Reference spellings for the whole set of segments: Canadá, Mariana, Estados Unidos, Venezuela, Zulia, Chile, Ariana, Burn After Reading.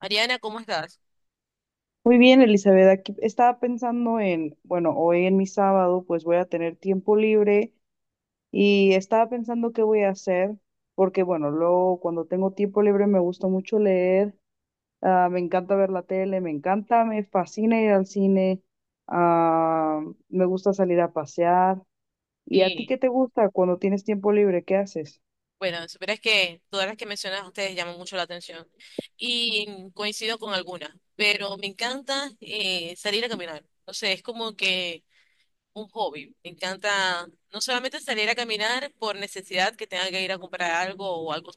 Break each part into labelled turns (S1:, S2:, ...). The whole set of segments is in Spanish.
S1: Ariana, ¿cómo estás?
S2: Muy bien, Elizabeth. Aquí estaba pensando en, bueno, hoy en mi sábado pues voy a tener tiempo libre y estaba pensando qué voy a hacer porque, bueno, luego cuando tengo tiempo libre me gusta mucho leer, me encanta ver la tele, me encanta, me fascina ir al cine, ah, me gusta salir a pasear. ¿Y a ti
S1: Sí,
S2: qué te gusta cuando tienes tiempo libre? ¿Qué haces?
S1: bueno, supieras que todas las que mencionas ustedes llaman mucho la atención y coincido con algunas, pero me encanta salir a caminar. O sea, es como que un hobby. Me encanta no solamente salir a caminar por necesidad que tenga que ir a comprar algo o algo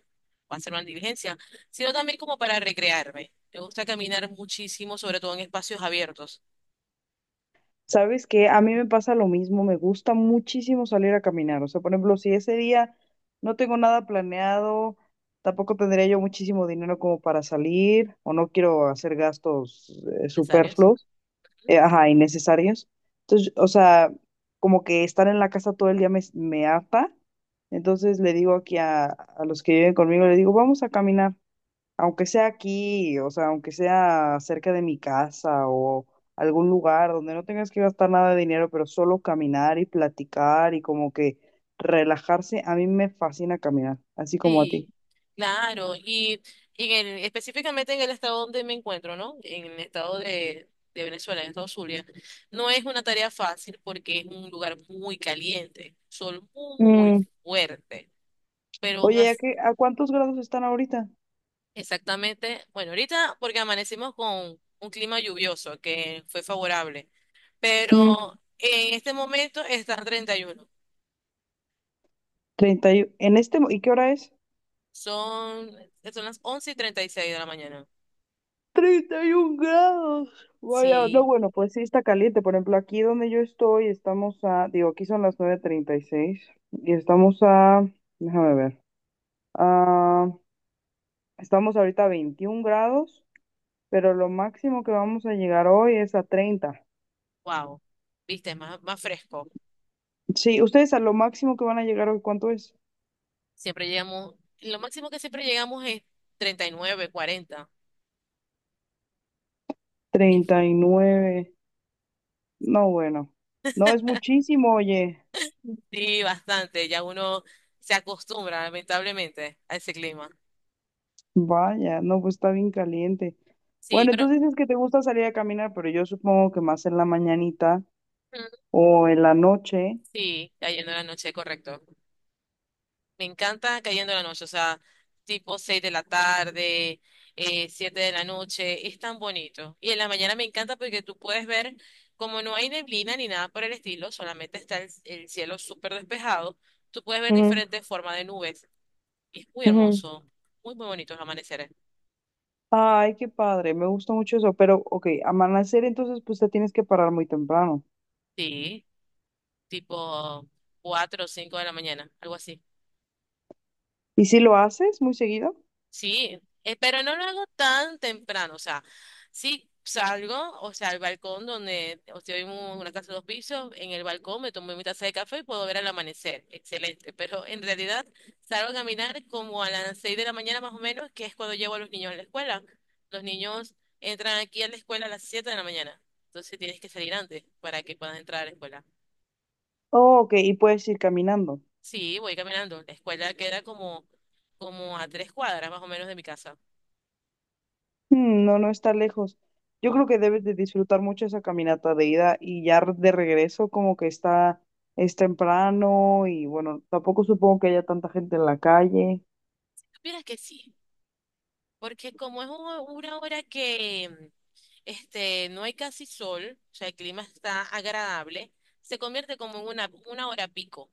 S1: o hacer una diligencia, sino también como para recrearme. Me gusta caminar muchísimo, sobre todo en espacios abiertos.
S2: ¿Sabes qué? A mí me pasa lo mismo, me gusta muchísimo salir a caminar. O sea, por ejemplo, si ese día no tengo nada planeado, tampoco tendría yo muchísimo dinero como para salir o no quiero hacer gastos
S1: Necesarios.
S2: superfluos, ajá, innecesarios. Entonces, o sea, como que estar en la casa todo el día me harta. Entonces le digo aquí a los que viven conmigo, le digo, vamos a caminar aunque sea aquí, o sea, aunque sea cerca de mi casa o algún lugar donde no tengas que gastar nada de dinero, pero solo caminar y platicar y como que relajarse, a mí me fascina caminar, así como a
S1: Sí,
S2: ti.
S1: claro. Y específicamente en el estado donde me encuentro, ¿no? En el estado de Venezuela, en el estado Zulia, no es una tarea fácil porque es un lugar muy caliente, sol muy
S2: Mm.
S1: fuerte. Pero aún
S2: Oye,
S1: as-
S2: ¿a cuántos grados están ahorita?
S1: exactamente, bueno, ahorita porque amanecimos con un clima lluvioso que fue favorable,
S2: Mm.
S1: pero en este momento está 31.
S2: 31. ¿En este, y qué hora es?
S1: Son, son las 11 y treinta y seis de la mañana.
S2: 31 grados. Vaya, no,
S1: Sí.
S2: bueno, pues sí está caliente. Por ejemplo, aquí donde yo estoy, estamos a, digo, aquí son las 9:36 y seis y estamos a, déjame ver, estamos ahorita a 21 grados, pero lo máximo que vamos a llegar hoy es a 30.
S1: Wow, viste, más, más fresco.
S2: Sí, ustedes a lo máximo que van a llegar hoy, ¿cuánto es?
S1: Siempre llegamos, lo máximo que siempre llegamos es 39, 40. Es-
S2: 39. No, bueno. No es muchísimo, oye.
S1: Sí, bastante, ya uno se acostumbra lamentablemente a ese clima.
S2: Vaya, no, pues está bien caliente.
S1: Sí,
S2: Bueno,
S1: pero
S2: entonces dices que te gusta salir a caminar, pero yo supongo que más en la mañanita
S1: mm,
S2: o en la noche.
S1: sí, cayendo la noche, correcto. Me encanta cayendo la noche, o sea, tipo 6 de la tarde, 7 de la noche, es tan bonito. Y en la mañana me encanta porque tú puedes ver, como no hay neblina ni nada por el estilo, solamente está el cielo súper despejado, tú puedes ver
S2: Ujú,
S1: diferentes formas de nubes. Y es muy
S2: ujú.
S1: hermoso, muy, muy bonito los amaneceres.
S2: Ay, qué padre, me gusta mucho eso. Pero, ok, amanecer entonces pues te tienes que parar muy temprano.
S1: Sí, tipo 4 o 5 de la mañana, algo así.
S2: ¿Y si lo haces muy seguido?
S1: Sí, pero no lo hago tan temprano, o sea, sí salgo, o sea, al balcón donde, o sea, hay una casa de dos pisos, en el balcón me tomo mi taza de café y puedo ver el amanecer, excelente, pero en realidad salgo a caminar como a las 6 de la mañana más o menos, que es cuando llevo a los niños a la escuela. Los niños entran aquí a la escuela a las 7 de la mañana, entonces tienes que salir antes para que puedas entrar a la escuela.
S2: Oh, ok, y puedes ir caminando.
S1: Sí, voy caminando, la escuela queda como a 3 cuadras más o menos de mi casa.
S2: Hmm, no, no está lejos. Yo creo
S1: No,
S2: que debes de disfrutar mucho esa caminata de ida y ya de regreso como que está, es temprano y bueno, tampoco supongo que haya tanta gente en la calle.
S1: supieras que sí. Porque como es una hora que este, no hay casi sol, o sea, el clima está agradable, se convierte como en una hora pico.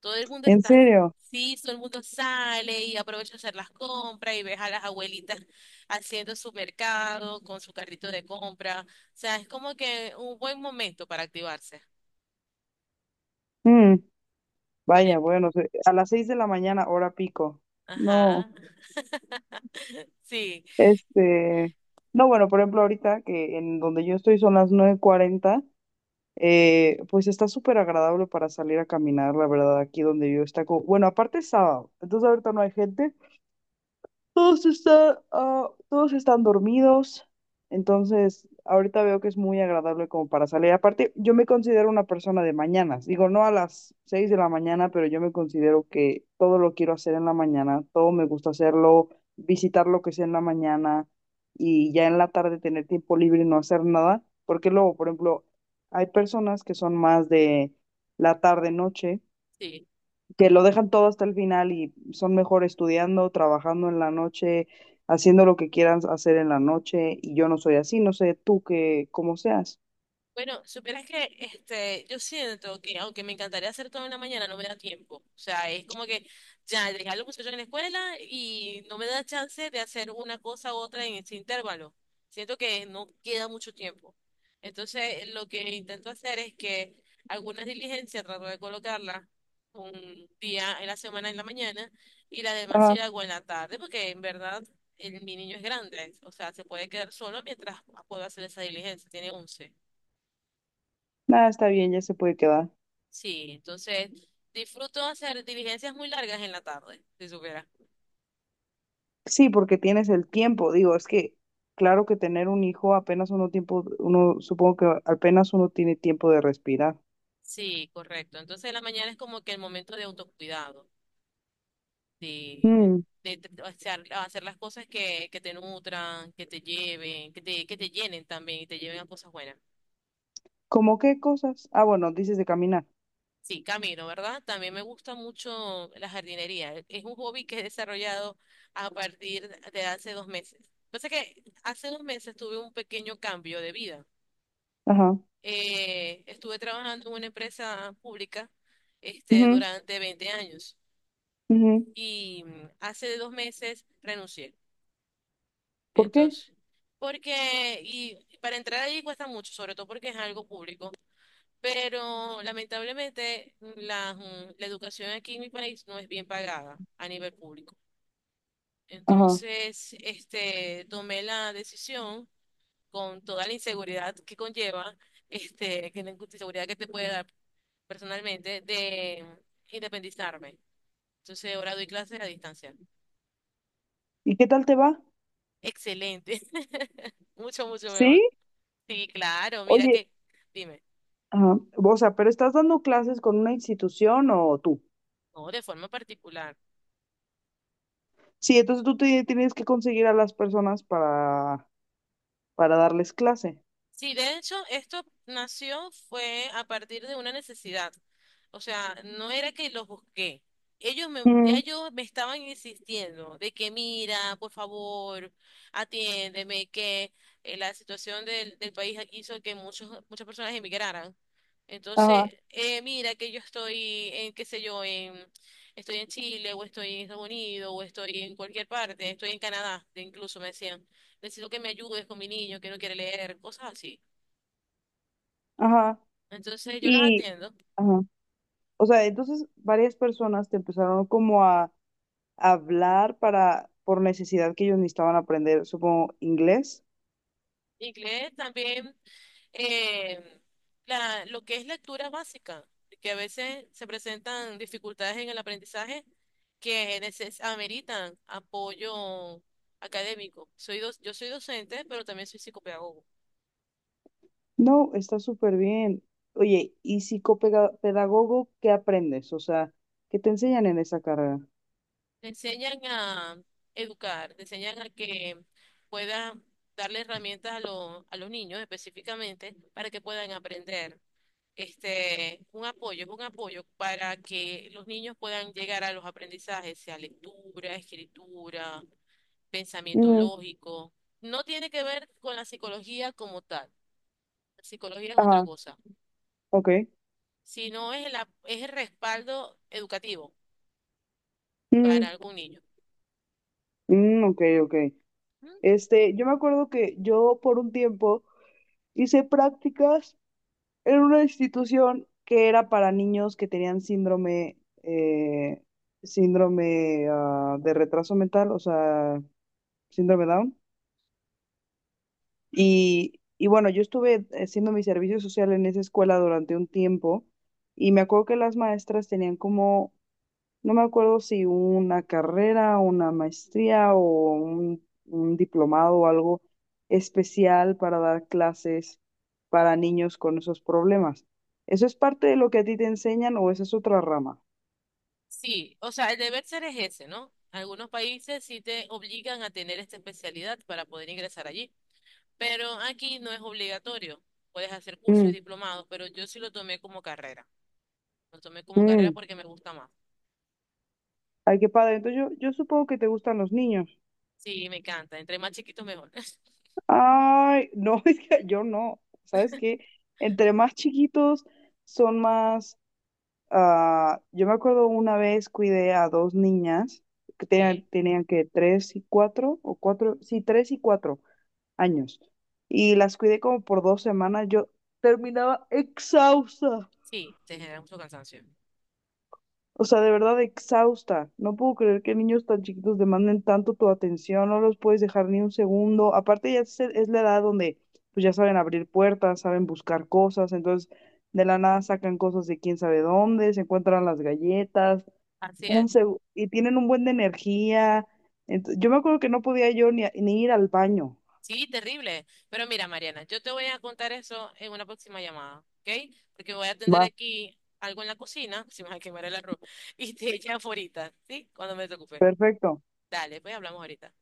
S1: Todo el mundo
S2: ¿En
S1: está,
S2: serio?
S1: sí, todo el mundo sale y aprovecha a hacer las compras y ves a las abuelitas haciendo su mercado con su carrito de compra. O sea, es como que un buen momento para activarse.
S2: Hmm,
S1: Por
S2: vaya,
S1: el-
S2: bueno, a las seis de la mañana, hora pico. No,
S1: ajá, sí,
S2: este, no, bueno, por ejemplo, ahorita que en donde yo estoy son las 9:40. Pues está súper agradable para salir a caminar, la verdad, aquí donde yo está como, bueno, aparte es sábado, entonces ahorita no hay gente, todos están dormidos, entonces ahorita veo que es muy agradable como para salir. Aparte, yo me considero una persona de mañanas. Digo, no a las 6 de la mañana, pero yo me considero que todo lo quiero hacer en la mañana, todo me gusta hacerlo, visitar lo que sea en la mañana y ya en la tarde tener tiempo libre y no hacer nada. Porque luego, por ejemplo, hay personas que son más de la tarde-noche
S1: sí.
S2: que lo dejan todo hasta el final y son mejor estudiando, trabajando en la noche, haciendo lo que quieran hacer en la noche y yo no soy así, no sé tú que cómo seas.
S1: Bueno, supieras que este, yo siento que aunque me encantaría hacer todo en la mañana, no me da tiempo. O sea, es como que ya dejé a los muchachos en la escuela y no me da chance de hacer una cosa u otra en ese intervalo. Siento que no queda mucho tiempo. Entonces, lo que intento hacer es que algunas diligencias trato de colocarlas un día en la semana en la mañana y las demás sí
S2: Ajá.
S1: las hago en la tarde, porque en verdad mi niño es grande. O sea, se puede quedar solo mientras puedo hacer esa diligencia. Tiene 11.
S2: Nada, está bien, ya se puede quedar.
S1: Sí, entonces disfruto hacer diligencias muy largas en la tarde, si supiera.
S2: Sí, porque tienes el tiempo, digo, es que claro que tener un hijo apenas uno tiempo, uno supongo que apenas uno tiene tiempo de respirar.
S1: Sí, correcto. Entonces la mañana es como que el momento de autocuidado, de,
S2: Mm.
S1: de hacer, las cosas que te nutran, que te lleven, que te llenen también y te lleven a cosas buenas.
S2: ¿Cómo qué cosas? Ah, bueno, dices de caminar.
S1: Sí, camino, ¿verdad? También me gusta mucho la jardinería. Es un hobby que he desarrollado a partir de hace 2 meses. Pasa que hace 2 meses tuve un pequeño cambio de vida.
S2: Ajá.
S1: Estuve trabajando en una empresa pública este,
S2: Ujú,
S1: durante 20 años
S2: ujú.
S1: y hace 2 meses renuncié.
S2: ¿Por qué?
S1: Entonces, porque, y para entrar ahí cuesta mucho, sobre todo porque es algo público, pero lamentablemente la educación aquí en mi país no es bien pagada a nivel público.
S2: Ajá.
S1: Entonces, este, tomé la decisión con toda la inseguridad que conlleva, este, que la inseguridad que te puede dar personalmente de independizarme. Entonces ahora doy clases a distancia.
S2: ¿Y qué tal te va?
S1: Excelente, mucho, mucho
S2: ¿Sí?
S1: mejor. Sí, claro, mira
S2: Oye.
S1: que, dime,
S2: Ajá. O sea, pero estás dando clases con una institución o tú.
S1: no, de forma particular.
S2: Sí, entonces tienes que conseguir a las personas para darles clase.
S1: Sí, de hecho, esto nació fue a partir de una necesidad. O sea, no era que los busqué. Ya
S2: Ujú.
S1: ellos me estaban insistiendo de que mira, por favor, atiéndeme, que la situación del país hizo que muchas personas emigraran.
S2: Ajá,
S1: Entonces, mira que yo estoy en, qué sé yo, en, estoy en Chile, o estoy en Estados Unidos, o estoy en cualquier parte, estoy en Canadá, incluso me decían necesito que me ayudes con mi niño que no quiere leer, cosas así.
S2: ajá.
S1: Entonces yo las
S2: Y,
S1: atiendo.
S2: ajá. O sea, entonces varias personas te empezaron como a, hablar para, por necesidad que ellos necesitaban aprender, supongo, inglés.
S1: Inglés también, eh, lo que es lectura básica, que a veces se presentan dificultades en el aprendizaje que ameritan apoyo académico. Yo soy docente, pero también soy psicopedagogo.
S2: No, está súper bien. Oye, ¿y psicopedagogo qué aprendes? O sea, ¿qué te enseñan en esa carrera?
S1: Te enseñan a educar, te enseñan a que puedan darle herramientas a los niños específicamente para que puedan aprender este, un apoyo, es un apoyo para que los niños puedan llegar a los aprendizajes, sea lectura, escritura, pensamiento
S2: Ujú.
S1: lógico. No tiene que ver con la psicología como tal. La psicología es otra
S2: Ajá,
S1: cosa,
S2: ok.
S1: sino es el respaldo educativo para algún niño.
S2: Mm, ok, ok.
S1: Mm.
S2: Este, yo me acuerdo que yo por un tiempo hice prácticas en una institución que era para niños que tenían eh, síndrome de retraso mental, o sea, síndrome Down. Y bueno, yo estuve haciendo mi servicio social en esa escuela durante un tiempo y me acuerdo que las maestras tenían como no me acuerdo si una carrera, una maestría o un diplomado o algo especial para dar clases para niños con esos problemas. ¿Eso es parte de lo que a ti te enseñan o esa es otra rama?
S1: Sí, o sea, el deber ser es ese, ¿no? Algunos países sí te obligan a tener esta especialidad para poder ingresar allí, pero aquí no es obligatorio. Puedes hacer cursos y
S2: Mm,
S1: diplomados, pero yo sí lo tomé como carrera. Lo tomé como carrera
S2: mm.
S1: porque me gusta más.
S2: Ay, qué padre. Entonces yo supongo que te gustan los niños.
S1: Sí, me encanta. Entre más chiquito, mejor.
S2: Ay, no, es que yo no. ¿Sabes qué? Entre más chiquitos son más. Ah, yo me acuerdo una vez cuidé a dos niñas que
S1: Ok.
S2: tenían que tres y cuatro, o cuatro, sí, tres y cuatro años. Y las cuidé como por dos semanas. Yo terminaba exhausta.
S1: Sí, te genera mucho cansancio.
S2: O sea, de verdad exhausta. No puedo creer que niños tan chiquitos demanden tanto tu atención. No los puedes dejar ni un segundo. Aparte ya es la edad donde pues ya saben abrir puertas, saben buscar cosas. Entonces de la nada sacan cosas de quién sabe dónde, se encuentran las galletas
S1: Así es.
S2: y tienen un buen de energía. Yo me acuerdo que no podía yo ni ir al baño.
S1: Sí, terrible. Pero mira, Mariana, yo te voy a contar eso en una próxima llamada, ¿ok? Porque voy a atender
S2: Va,
S1: aquí algo en la cocina, si me va a quemar el arroz, y te echan ahorita, ¿sí? Cuando me desocupe.
S2: perfecto.
S1: Dale, pues hablamos ahorita.